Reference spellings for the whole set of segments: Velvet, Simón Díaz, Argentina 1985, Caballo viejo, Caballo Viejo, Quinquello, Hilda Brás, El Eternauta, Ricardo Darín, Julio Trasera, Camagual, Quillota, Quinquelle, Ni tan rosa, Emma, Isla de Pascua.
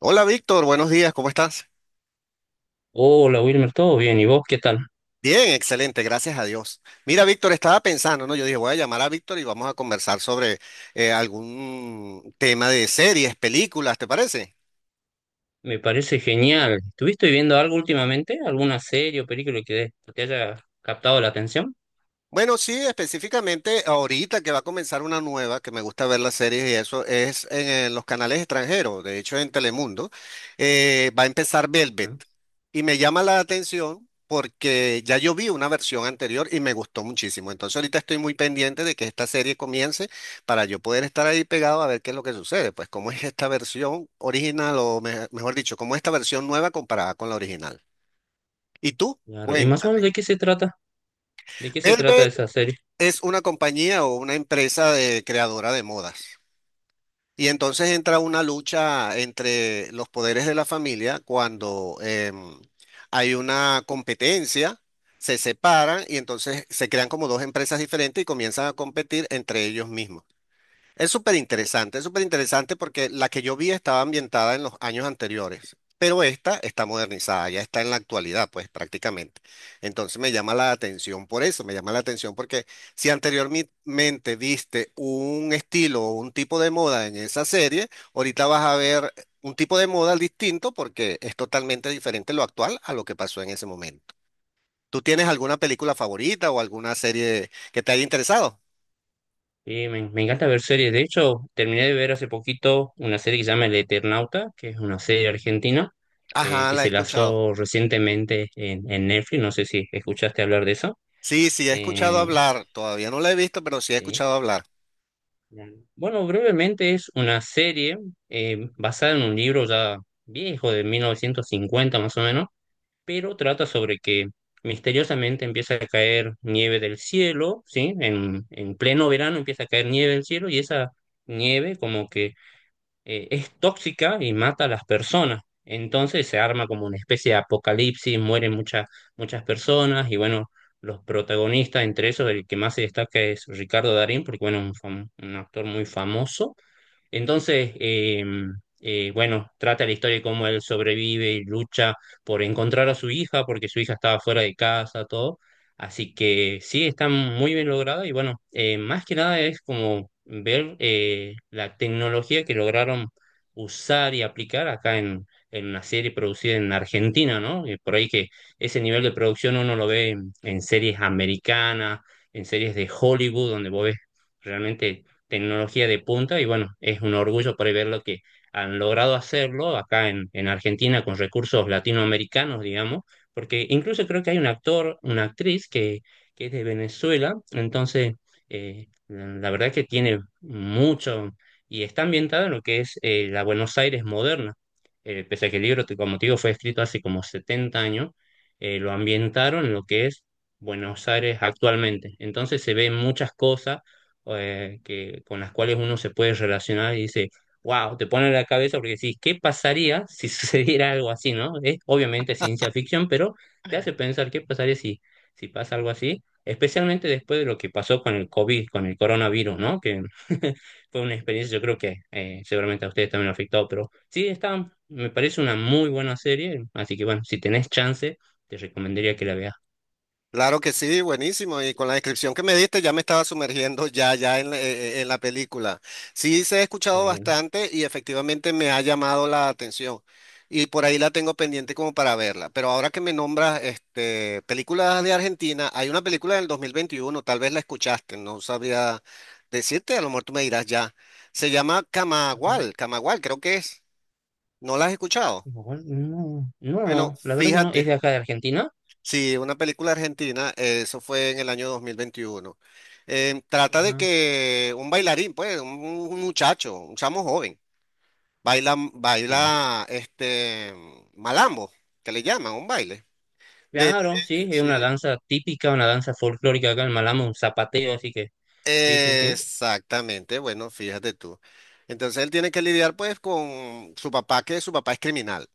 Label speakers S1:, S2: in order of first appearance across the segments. S1: Hola Víctor, buenos días, ¿cómo estás?
S2: Hola Wilmer, ¿todo bien? ¿Y vos qué tal?
S1: Bien, excelente, gracias a Dios. Mira, Víctor, estaba pensando, ¿no? Yo dije, voy a llamar a Víctor y vamos a conversar sobre algún tema de series, películas, ¿te parece?
S2: Me parece genial. ¿Estuviste viendo algo últimamente? ¿Alguna serie o película que te haya captado la atención?
S1: Bueno, sí, específicamente ahorita que va a comenzar una nueva, que me gusta ver las series y eso, es en los canales extranjeros, de hecho en Telemundo, va a empezar Velvet.
S2: ¿No?
S1: Y me llama la atención porque ya yo vi una versión anterior y me gustó muchísimo. Entonces ahorita estoy muy pendiente de que esta serie comience para yo poder estar ahí pegado a ver qué es lo que sucede, pues cómo es esta versión original o mejor dicho, cómo es esta versión nueva comparada con la original. ¿Y tú?
S2: Claro. ¿Y más o menos
S1: Cuéntame.
S2: de qué se trata? ¿De qué se trata
S1: Velvet
S2: esa serie?
S1: es una compañía o una empresa de creadora de modas. Y entonces entra una lucha entre los poderes de la familia cuando hay una competencia, se separan y entonces se crean como dos empresas diferentes y comienzan a competir entre ellos mismos. Es súper interesante porque la que yo vi estaba ambientada en los años anteriores, pero esta está modernizada, ya está en la actualidad, pues prácticamente. Entonces me llama la atención por eso, me llama la atención porque si anteriormente viste un estilo o un tipo de moda en esa serie, ahorita vas a ver un tipo de moda distinto porque es totalmente diferente lo actual a lo que pasó en ese momento. ¿Tú tienes alguna película favorita o alguna serie que te haya interesado?
S2: Y me encanta ver series. De hecho, terminé de ver hace poquito una serie que se llama El Eternauta, que es una serie argentina
S1: Ajá,
S2: que
S1: la he
S2: se
S1: escuchado.
S2: lanzó recientemente en Netflix. No sé si escuchaste hablar de eso.
S1: Sí, sí, he escuchado
S2: Eh,
S1: hablar, todavía no la he visto, pero sí he
S2: sí.
S1: escuchado hablar.
S2: Claro. Bueno, brevemente es una serie basada en un libro ya viejo de 1950 más o menos, pero trata sobre que misteriosamente empieza a caer nieve del cielo, ¿sí? En pleno verano empieza a caer nieve del cielo y esa nieve como que es tóxica y mata a las personas. Entonces se arma como una especie de apocalipsis, mueren muchas personas y bueno, los protagonistas, entre esos el que más se destaca es Ricardo Darín, porque bueno, un actor muy famoso. Entonces, bueno, trata la historia de cómo él sobrevive y lucha por encontrar a su hija, porque su hija estaba fuera de casa, todo. Así que sí, está muy bien lograda y bueno, más que nada es como ver la tecnología que lograron usar y aplicar acá en una serie producida en Argentina, ¿no? Por ahí que ese nivel de producción uno lo ve en series americanas, en series de Hollywood, donde vos ves realmente tecnología de punta y bueno, es un orgullo por ahí ver lo que han logrado hacerlo acá en Argentina con recursos latinoamericanos, digamos, porque incluso creo que hay un actor, una actriz que es de Venezuela, entonces la verdad que tiene mucho y está ambientada en lo que es la Buenos Aires moderna. Pese a que el libro, como te digo, fue escrito hace como 70 años, lo ambientaron en lo que es Buenos Aires actualmente, entonces se ven muchas cosas que, con las cuales uno se puede relacionar y dice, wow, te pone en la cabeza porque decís, ¿qué pasaría si sucediera algo así, ¿no? Es obviamente ciencia ficción, pero te hace pensar qué pasaría si pasa algo así, especialmente después de lo que pasó con el COVID, con el coronavirus, ¿no? Que fue una experiencia, yo creo que seguramente a ustedes también lo afectó, pero sí, está, me parece una muy buena serie, así que bueno, si tenés chance, te recomendaría que la veas.
S1: Claro que sí, buenísimo. Y con la descripción que me diste ya me estaba sumergiendo ya, ya en en la película. Sí, se ha escuchado
S2: Bueno.
S1: bastante y efectivamente me ha llamado la atención. Y por ahí la tengo pendiente como para verla. Pero ahora que me nombras este, películas de Argentina, hay una película del 2021. Tal vez la escuchaste, no sabría decirte, a lo mejor tú me dirás ya. Se llama
S2: Ajá.
S1: Camagual, Camagual creo que es. ¿No la has escuchado?
S2: No, no,
S1: Bueno,
S2: no, la verdad que no, es
S1: fíjate.
S2: de acá de Argentina.
S1: Sí, una película argentina, eso fue en el año 2021. Trata de
S2: Ajá,
S1: que un bailarín, pues, un muchacho, un chamo joven, baila,
S2: sí.
S1: baila este malambo, que le llaman, un baile. De,
S2: Claro, sí, es
S1: sí,
S2: una danza típica, una danza folclórica acá en Malamo, un zapateo, así que, sí, sí, sí.
S1: exactamente, bueno, fíjate tú. Entonces él tiene que lidiar pues con su papá, que su papá es criminal.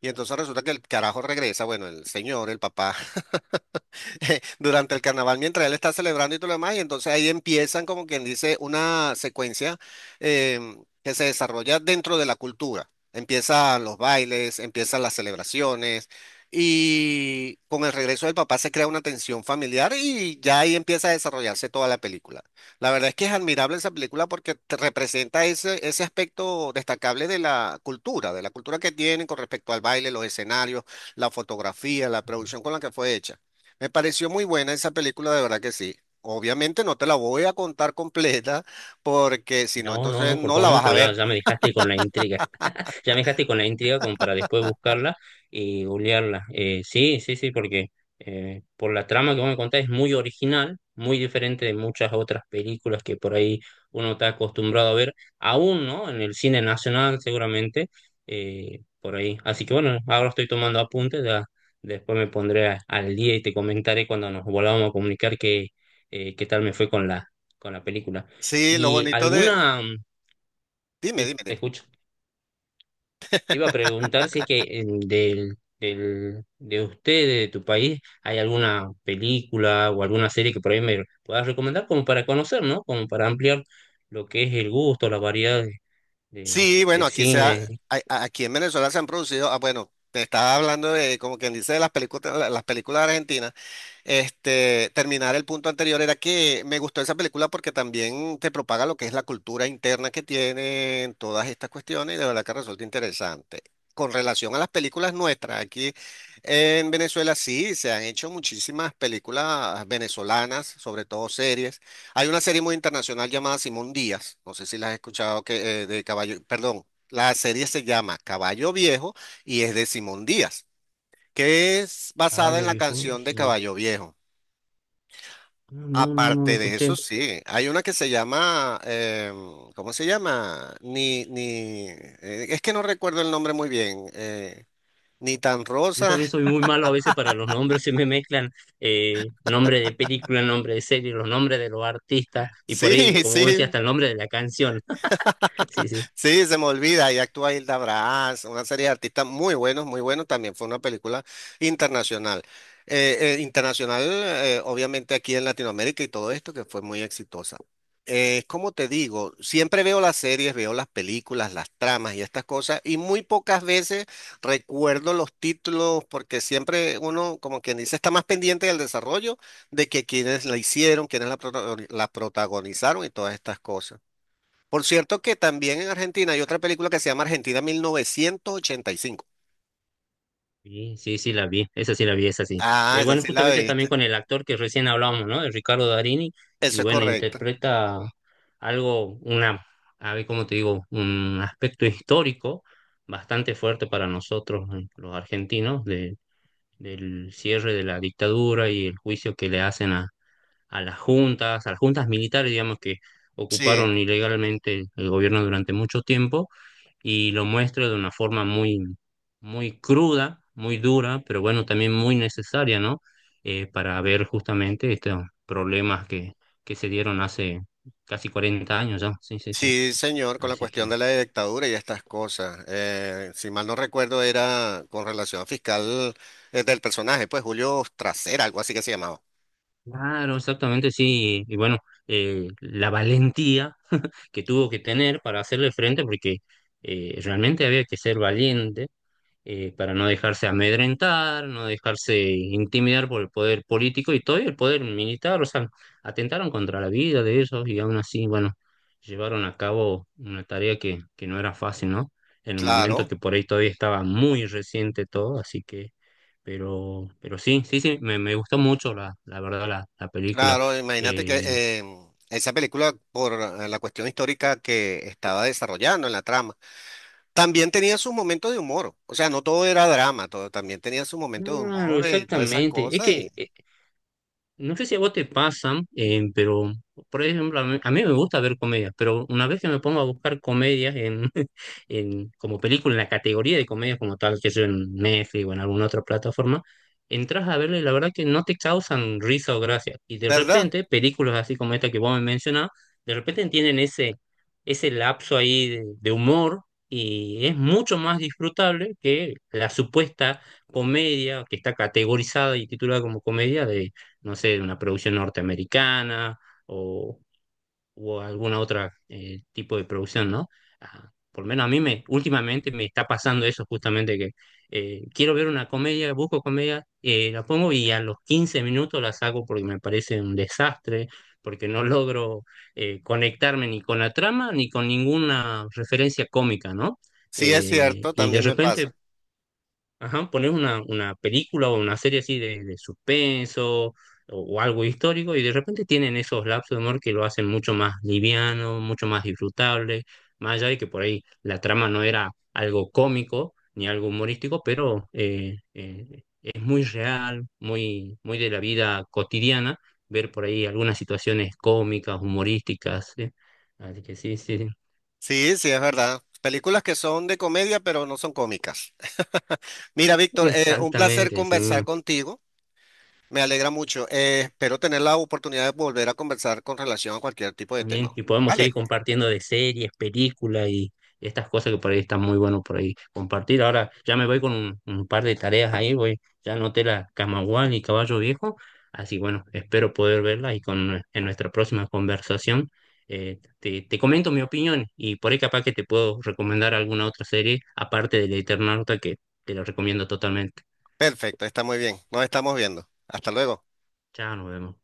S1: Y entonces resulta que el carajo regresa, bueno, el señor, el papá durante el carnaval mientras él está celebrando y todo lo demás, y entonces ahí empiezan como quien dice una secuencia que se desarrolla dentro de la cultura. Empiezan los bailes, empiezan las celebraciones y con el regreso del papá se crea una tensión familiar y ya ahí empieza a desarrollarse toda la película. La verdad es que es admirable esa película porque te representa ese, ese aspecto destacable de la cultura que tienen con respecto al baile, los escenarios, la fotografía, la producción con la que fue hecha. Me pareció muy buena esa película, de verdad que sí. Obviamente no te la voy a contar completa porque si no,
S2: No, no,
S1: entonces
S2: no, por
S1: no
S2: favor,
S1: la
S2: no,
S1: vas a
S2: pero ya,
S1: ver.
S2: ya me dejaste con la intriga. Ya me dejaste con la intriga como para después buscarla y googlearla. Sí, sí, sí, porque por la trama que vos me contás es muy original, muy diferente de muchas otras películas que por ahí uno está acostumbrado a ver, aún, ¿no? En el cine nacional seguramente, por ahí. Así que bueno, ahora estoy tomando apuntes, ya después me pondré al día y te comentaré cuando nos volvamos a comunicar qué, qué tal me fue con con la película.
S1: Sí, lo
S2: ¿Y
S1: bonito de...
S2: alguna...
S1: Dime, dime,
S2: Sí, te
S1: dime.
S2: escucho. Te iba a preguntar si es que de usted, de tu país, hay alguna película o alguna serie que por ahí me puedas recomendar como para conocer, ¿no? Como para ampliar lo que es el gusto, la variedad
S1: Sí, bueno,
S2: de
S1: aquí se ha-
S2: cine.
S1: a- aquí en Venezuela se han producido, ah, bueno, te estaba hablando de, como quien dice, de las películas, las películas argentinas. Este, terminar el punto anterior era que me gustó esa película porque también te propaga lo que es la cultura interna que tienen todas estas cuestiones y de verdad que resulta interesante. Con relación a las películas nuestras, aquí en Venezuela sí se han hecho muchísimas películas venezolanas, sobre todo series. Hay una serie muy internacional llamada Simón Díaz, no sé si la has escuchado, que, de Caballo, perdón, la serie se llama Caballo Viejo y es de Simón Díaz, que es basada en
S2: Caballo
S1: la
S2: viejo,
S1: canción de
S2: sí. No,
S1: Caballo Viejo.
S2: no, no, no lo
S1: Aparte de eso,
S2: escuché.
S1: sí, hay una que se llama, ¿cómo se llama? Ni, ni, es que no recuerdo el nombre muy bien, ni tan
S2: Yo
S1: rosa,
S2: también soy muy malo a veces para los nombres, se me mezclan nombre de película, nombre de serie, los nombres de los artistas y por ahí,
S1: sí,
S2: como vos decías,
S1: sí,
S2: hasta el nombre de la canción. Sí, sí.
S1: sí, se me olvida, y actúa Hilda Brás, una serie de artistas muy buenos, también fue una película internacional. Internacional, obviamente aquí en Latinoamérica y todo esto, que fue muy exitosa. Como te digo, siempre veo las series, veo las películas, las tramas y estas cosas, y muy pocas veces recuerdo los títulos, porque siempre uno, como quien dice, está más pendiente del desarrollo de que quienes la hicieron, quienes la protagonizaron y todas estas cosas. Por cierto que también en Argentina hay otra película que se llama Argentina 1985.
S2: Sí, sí, sí, la vi, esa sí la vi, esa sí.
S1: Ah, esa
S2: Bueno,
S1: sí la
S2: justamente es
S1: viste.
S2: también con el actor que recién hablábamos, ¿no? El Ricardo Darini, y
S1: Eso es
S2: bueno,
S1: correcto.
S2: interpreta algo, una, a ver cómo te digo, un aspecto histórico bastante fuerte para nosotros, los argentinos, del cierre de la dictadura y el juicio que le hacen a las juntas militares, digamos, que
S1: Sí,
S2: ocuparon ilegalmente el gobierno durante mucho tiempo y lo muestro de una forma muy, muy cruda, muy dura, pero bueno, también muy necesaria, ¿no? Para ver justamente estos problemas que se dieron hace casi 40 años ya, sí, sí, sí.
S1: sí, señor, con la
S2: Así
S1: cuestión
S2: que,
S1: de la dictadura y estas cosas. Si mal no recuerdo, era con relación a fiscal del personaje, pues Julio Trasera, algo así que se llamaba.
S2: claro, exactamente, sí. Y bueno, la valentía que tuvo que tener para hacerle frente, porque realmente había que ser valiente, para no dejarse amedrentar, no dejarse intimidar por el poder político y todo y el poder militar, o sea, atentaron contra la vida de ellos y aún así, bueno, llevaron a cabo una tarea que no era fácil, ¿no? En un momento
S1: Claro,
S2: que por ahí todavía estaba muy reciente todo, así que, pero sí, sí, sí, me gustó mucho la verdad la película.
S1: claro, imagínate
S2: Eh,
S1: que esa película, por la cuestión histórica que estaba desarrollando en la trama, también tenía sus momentos de humor, o sea, no todo era drama, todo también tenía sus momentos de
S2: claro,
S1: humor y todas esas
S2: exactamente. Es
S1: cosas,
S2: que
S1: y
S2: no sé si a vos te pasan, pero por ejemplo, a mí me gusta ver comedias, pero una vez que me pongo a buscar comedias como película, en la categoría de comedias como tal, que sea en Netflix o en alguna otra plataforma, entras a verle y la verdad que no te causan risa o gracia. Y de
S1: ¿verdad?
S2: repente, películas así como esta que vos me mencionás, de repente tienen ese lapso ahí de humor y es mucho más disfrutable que la supuesta comedia que está categorizada y titulada como comedia de no sé, de una producción norteamericana o, o alguna otra tipo de producción, ¿no? Ah, por lo menos últimamente me está pasando eso justamente que quiero ver una comedia, busco comedia, la pongo y a los 15 minutos la saco porque me parece un desastre, porque no logro conectarme ni con la trama ni con ninguna referencia cómica, ¿no?
S1: Sí, es cierto,
S2: Y de
S1: también me
S2: repente
S1: pasa.
S2: ajá, pones una película o una serie así de suspenso o algo histórico y de repente tienen esos lapsos de humor que lo hacen mucho más liviano, mucho más disfrutable, más allá de que por ahí la trama no era algo cómico ni algo humorístico, pero es muy real, muy, muy de la vida cotidiana ver por ahí algunas situaciones cómicas, humorísticas, ¿sí? Así que sí, sí,
S1: Sí, sí, es verdad. Películas que son de comedia, pero no son cómicas. Mira, Víctor, un placer
S2: exactamente, sí.
S1: conversar contigo, me alegra mucho. Espero tener la oportunidad de volver a conversar con relación a cualquier tipo de tema.
S2: También, y podemos seguir
S1: Vale,
S2: compartiendo de series, películas y estas cosas que por ahí están muy bueno por ahí compartir. Ahora ya me voy con un par de tareas ahí, voy, ya anoté la Camagual y Caballo Viejo, así bueno, espero poder verla en nuestra próxima conversación te comento mi opinión y por ahí capaz que te puedo recomendar alguna otra serie aparte del Eternauta que te lo recomiendo totalmente.
S1: perfecto, está muy bien, nos estamos viendo. Hasta luego.
S2: Chao, nos vemos.